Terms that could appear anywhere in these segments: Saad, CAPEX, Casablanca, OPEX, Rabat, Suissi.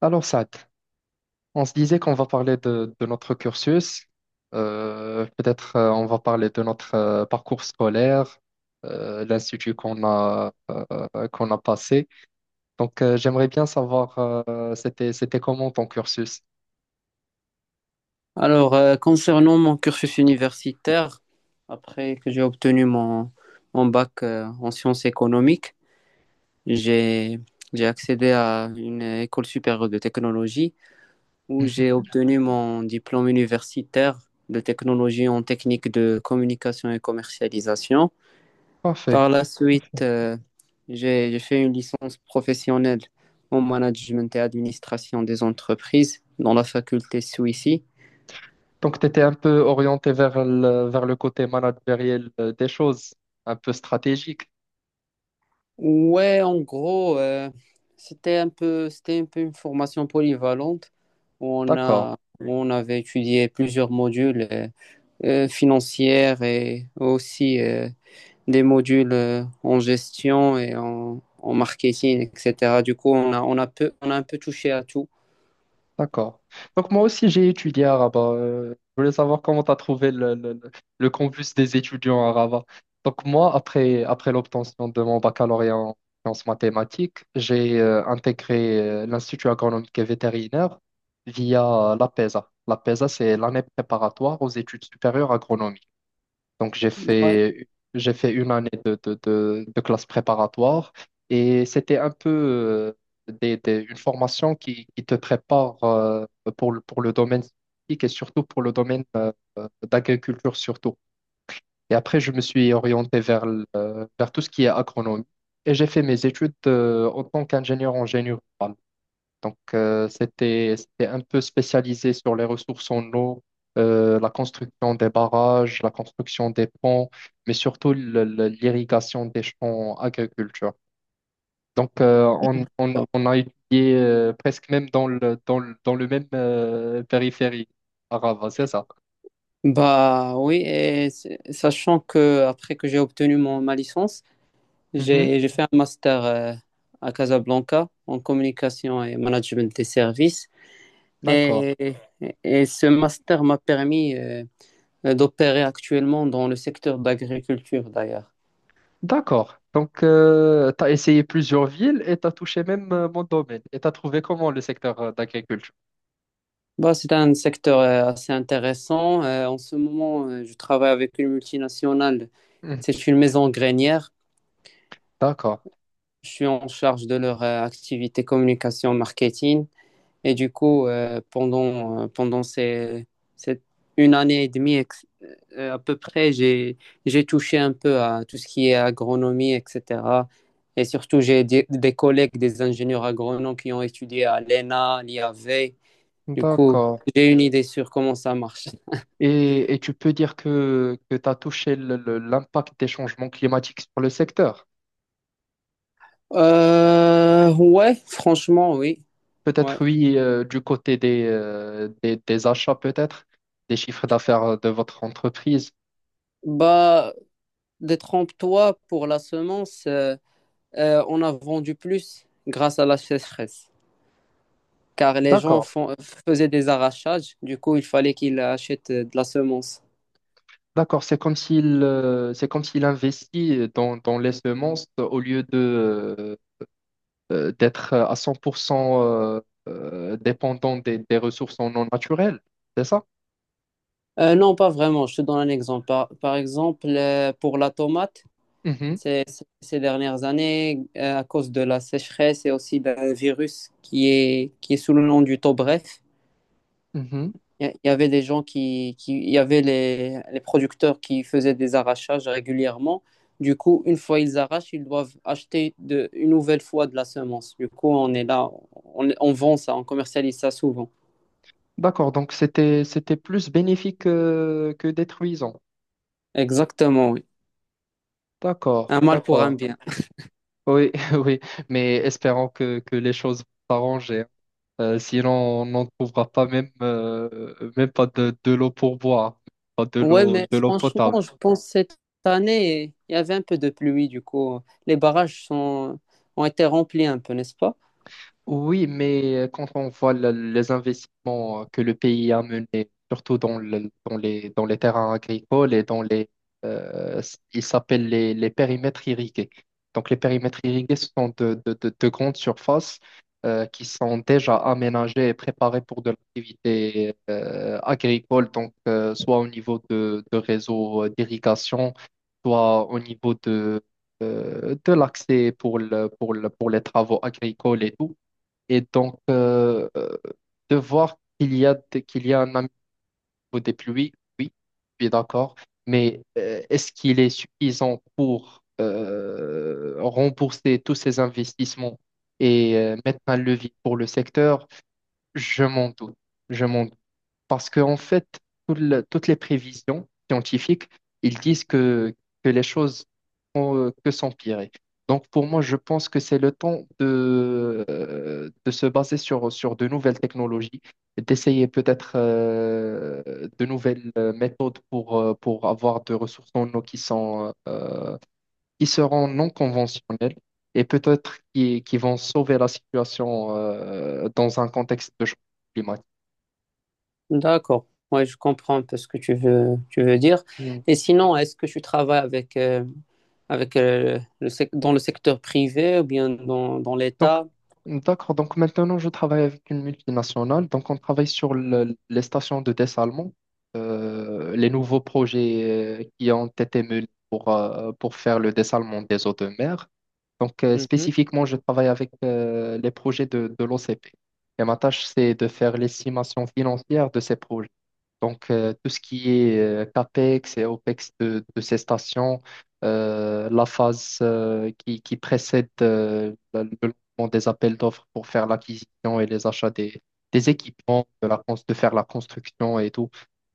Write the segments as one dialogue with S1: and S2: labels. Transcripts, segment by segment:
S1: Alors, Saad, on se disait qu'on va parler de notre cursus. Peut-être on va parler de notre parcours scolaire, l'institut qu'on a, qu'on a passé. Donc, j'aimerais bien savoir, c'était comment ton cursus?
S2: Alors, concernant mon cursus universitaire, après que j'ai obtenu mon bac en sciences économiques, j'ai, j'ai accédé à une école supérieure de technologie où j'ai
S1: Mhm.
S2: obtenu mon diplôme universitaire de technologie en technique de communication et commercialisation.
S1: Parfait.
S2: Par la suite,
S1: Parfait.
S2: j'ai fait une licence professionnelle en management et administration des entreprises dans la faculté Suissi.
S1: Donc, tu étais un peu orienté vers vers le côté managériel des choses, un peu stratégique.
S2: Ouais, en gros, c'était un peu une formation polyvalente où on
S1: D'accord.
S2: a, où on avait étudié plusieurs modules financiers et aussi des modules en gestion et en marketing, etc. Du coup, on a un peu touché à tout.
S1: D'accord. Donc moi aussi j'ai étudié à Rabat. Je voulais savoir comment tu as trouvé le campus des étudiants à Rabat. Donc moi, après l'obtention de mon baccalauréat en sciences mathématiques, j'ai intégré l'Institut agronomique et vétérinaire via l'APESA. L'APESA, c'est l'année préparatoire aux études supérieures agronomiques. Donc,
S2: Ouais.
S1: j'ai fait une année de classe préparatoire et c'était un peu une formation qui te prépare pour, pour le domaine scientifique et surtout pour le domaine d'agriculture surtout. Et après, je me suis orienté vers, vers tout ce qui est agronomie et j'ai fait mes études en tant qu'ingénieur en génie rural. Donc, c'était un peu spécialisé sur les ressources en eau, la construction des barrages, la construction des ponts, mais surtout l'irrigation des champs agriculture. Donc, on a étudié presque même dans dans le même périphérie arabe, c'est ça?
S2: Bah oui, sachant que après que j'ai obtenu ma licence.
S1: Mhm.
S2: J'ai fait un master à Casablanca en communication et management des services.
S1: D'accord.
S2: Et ce master m'a permis d'opérer actuellement dans le secteur d'agriculture d'ailleurs.
S1: D'accord. Donc, tu as essayé plusieurs villes et tu as touché même mon domaine. Et tu as trouvé comment le secteur d'agriculture?
S2: Bah, c'est un secteur assez intéressant. En ce moment, je travaille avec une multinationale.
S1: Mhm.
S2: C'est une maison grainière.
S1: D'accord.
S2: Je suis en charge de leur activité communication marketing. Et du coup, pendant cette une année et demie à peu près, j'ai touché un peu à tout ce qui est agronomie, etc. Et surtout, j'ai des collègues, des ingénieurs agronomes qui ont étudié à l'ENA, l'IAV. Du coup,
S1: D'accord.
S2: j'ai une idée sur comment ça marche.
S1: Et tu peux dire que tu as touché l'impact des changements climatiques sur le secteur.
S2: Ouais, franchement, oui. Ouais.
S1: Peut-être oui, du côté des achats, peut-être, des chiffres d'affaires de votre entreprise.
S2: Bah, détrompe-toi pour la semence. On a vendu plus grâce à la sécheresse. car les gens
S1: D'accord.
S2: font- faisaient des arrachages, du coup, il fallait qu'ils achètent de la semence.
S1: D'accord, c'est comme s'il investit dans, dans les semences au lieu de d'être à 100% dépendant des ressources non naturelles, c'est ça?
S2: Non, pas vraiment, je te donne un exemple. Par exemple, pour la tomate,
S1: Mhm,
S2: ces dernières années, à cause de la sécheresse et aussi d'un virus qui est sous le nom du taux bref.
S1: mhm.
S2: Il y avait des gens il y avait les producteurs qui faisaient des arrachages régulièrement. Du coup, une fois ils arrachent, ils doivent acheter une nouvelle fois de la semence. Du coup, on est là, on vend ça, on commercialise ça souvent.
S1: D'accord, donc c'était plus bénéfique que détruisant.
S2: Exactement, oui. Un
S1: D'accord,
S2: mal pour un
S1: d'accord.
S2: bien.
S1: Oui, oui, mais espérons que les choses vont s'arranger, hein. Sinon, on n'en trouvera pas même, même pas de l'eau pour boire, pas de
S2: Ouais,
S1: l'eau,
S2: mais
S1: de l'eau
S2: franchement,
S1: potable.
S2: je pense que cette année, il y avait un peu de pluie. Du coup, les barrages sont, ont été remplis un peu, n'est-ce pas?
S1: Oui, mais quand on voit les investissements que le pays a menés, surtout dans, dans les terrains agricoles et dans les, ils s'appellent les périmètres irrigués. Donc les périmètres irrigués ce sont de, de grandes surfaces qui sont déjà aménagées et préparées pour de l'activité agricole, donc soit au niveau de réseaux d'irrigation, soit au niveau de l'accès pour pour les travaux agricoles et tout. Et donc, de voir qu'il y a, qu'il y a un ami des pluies, oui, oui, je suis d'accord, mais est-ce qu'il est suffisant pour rembourser tous ces investissements et mettre un levier pour le secteur? Je m'en doute, je m'en doute. Parce qu'en fait, toutes les prévisions scientifiques, ils disent que les choses font que s'empirer. Donc pour moi, je pense que c'est le temps de se baser sur, sur de nouvelles technologies, d'essayer peut-être de nouvelles méthodes pour avoir de ressources en eau qui sont, qui seront non conventionnelles et peut-être qui vont sauver la situation dans un contexte de changement
S2: D'accord. Ouais, je comprends un peu ce que tu veux dire.
S1: climatique.
S2: Et sinon, est-ce que tu travailles avec dans le secteur privé ou bien dans
S1: Donc,
S2: l'État?
S1: d'accord. Donc, maintenant, je travaille avec une multinationale. Donc, on travaille sur les stations de dessalement, les nouveaux projets qui ont été menés pour faire le dessalement des eaux de mer. Donc,
S2: Mhm.
S1: spécifiquement, je travaille avec les projets de l'OCP. Et ma tâche, c'est de faire l'estimation financière de ces projets. Donc, tout ce qui est CAPEX et OPEX de ces stations, la phase qui précède le lancement des appels d'offres pour faire l'acquisition et les achats des équipements, de, la, de faire la construction et tout.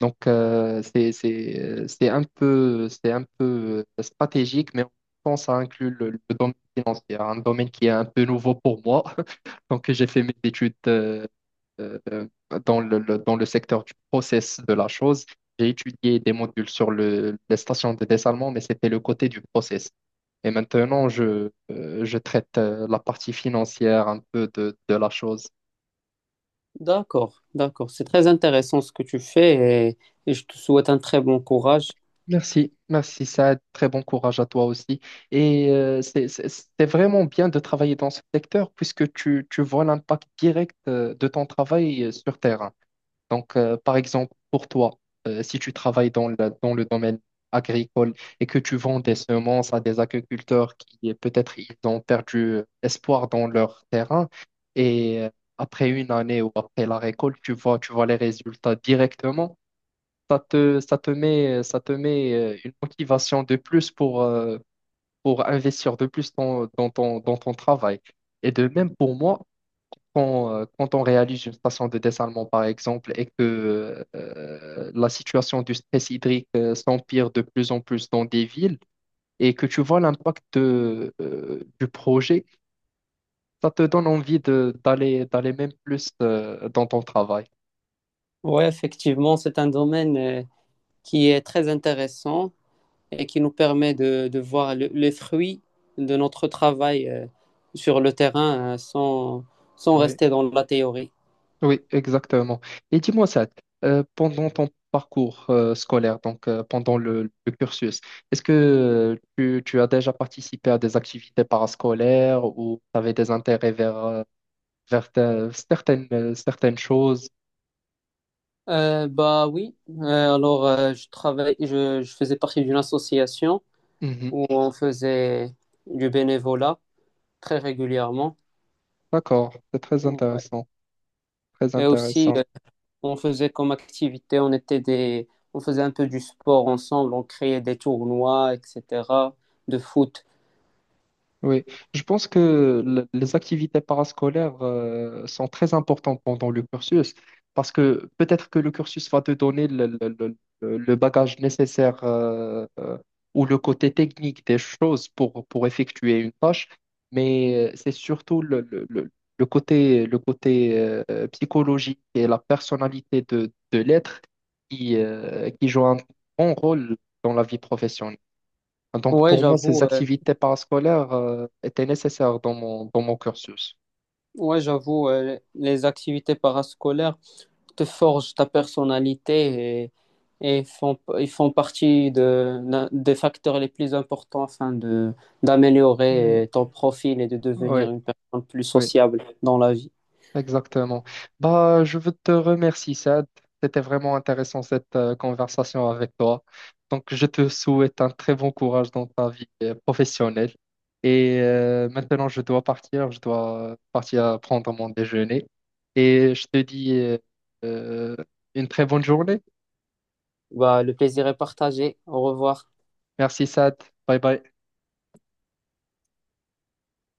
S1: Donc, c'est un peu stratégique, mais en même temps, ça inclut le domaine financier, un domaine qui est un peu nouveau pour moi. Donc, j'ai fait mes études euh, dans dans le secteur du process de la chose. J'ai étudié des modules sur les stations de dessalement, mais c'était le côté du process. Et maintenant, je traite la partie financière un peu de la chose.
S2: D'accord, d'accord. C'est très intéressant ce que tu fais, et je te souhaite un très bon courage.
S1: Merci, merci Saad. Très bon courage à toi aussi. Et c'est vraiment bien de travailler dans ce secteur puisque tu vois l'impact direct de ton travail sur terrain. Donc, par exemple, pour toi, si tu travailles dans dans le domaine agricole et que tu vends des semences à des agriculteurs qui peut-être ils ont perdu espoir dans leur terrain et après une année ou après la récolte, tu vois les résultats directement, ça te, ça te met une motivation de plus pour investir de plus dans, dans ton travail. Et de même pour moi, quand on réalise une station de dessalement, par exemple, et que la situation du stress hydrique s'empire de plus en plus dans des villes, et que tu vois l'impact de, du projet, ça te donne envie de, d'aller même plus dans ton travail.
S2: Oui, effectivement, c'est un domaine qui est très intéressant, et qui nous permet de voir les fruits de notre travail sur le terrain sans
S1: Oui.
S2: rester dans la théorie.
S1: Oui, exactement. Et dis-moi ça, pendant ton parcours scolaire, donc pendant le cursus, est-ce que tu as déjà participé à des activités parascolaires ou tu avais des intérêts vers, certaines, certaines choses.
S2: Bah oui. Je travaille, je faisais partie d'une association
S1: Mhm.
S2: où on faisait du bénévolat très régulièrement.
S1: D'accord, c'est très
S2: Ouais.
S1: intéressant, très
S2: Et aussi,
S1: intéressant.
S2: on faisait comme activité, on faisait un peu du sport ensemble, on créait des tournois, etc., de foot.
S1: Oui, je pense que les activités parascolaires sont très importantes pendant le cursus parce que peut-être que le cursus va te donner le bagage nécessaire ou le côté technique des choses pour effectuer une tâche, mais c'est surtout le côté psychologique et la personnalité de l'être qui joue un grand rôle dans la vie professionnelle. Donc,
S2: Ouais,
S1: pour moi, ces
S2: j'avoue, euh,
S1: activités parascolaires étaient nécessaires dans mon cursus.
S2: Ouais, j'avoue, les activités parascolaires te forgent ta personnalité et, ils font partie d'un- des facteurs les plus importants afin d'améliorer
S1: Mm.
S2: ton profil et de
S1: Oui,
S2: devenir une personne plus
S1: oui,
S2: sociable dans la vie.
S1: exactement. Bah, je veux te remercier, Sad. C'était vraiment intéressant cette conversation avec toi. Donc, je te souhaite un très bon courage dans ta vie professionnelle. Et maintenant, je dois partir. Je dois partir prendre mon déjeuner. Et je te dis euh, une très bonne journée.
S2: Bah, le plaisir est partagé. Au revoir.
S1: Merci, Sad. Bye bye.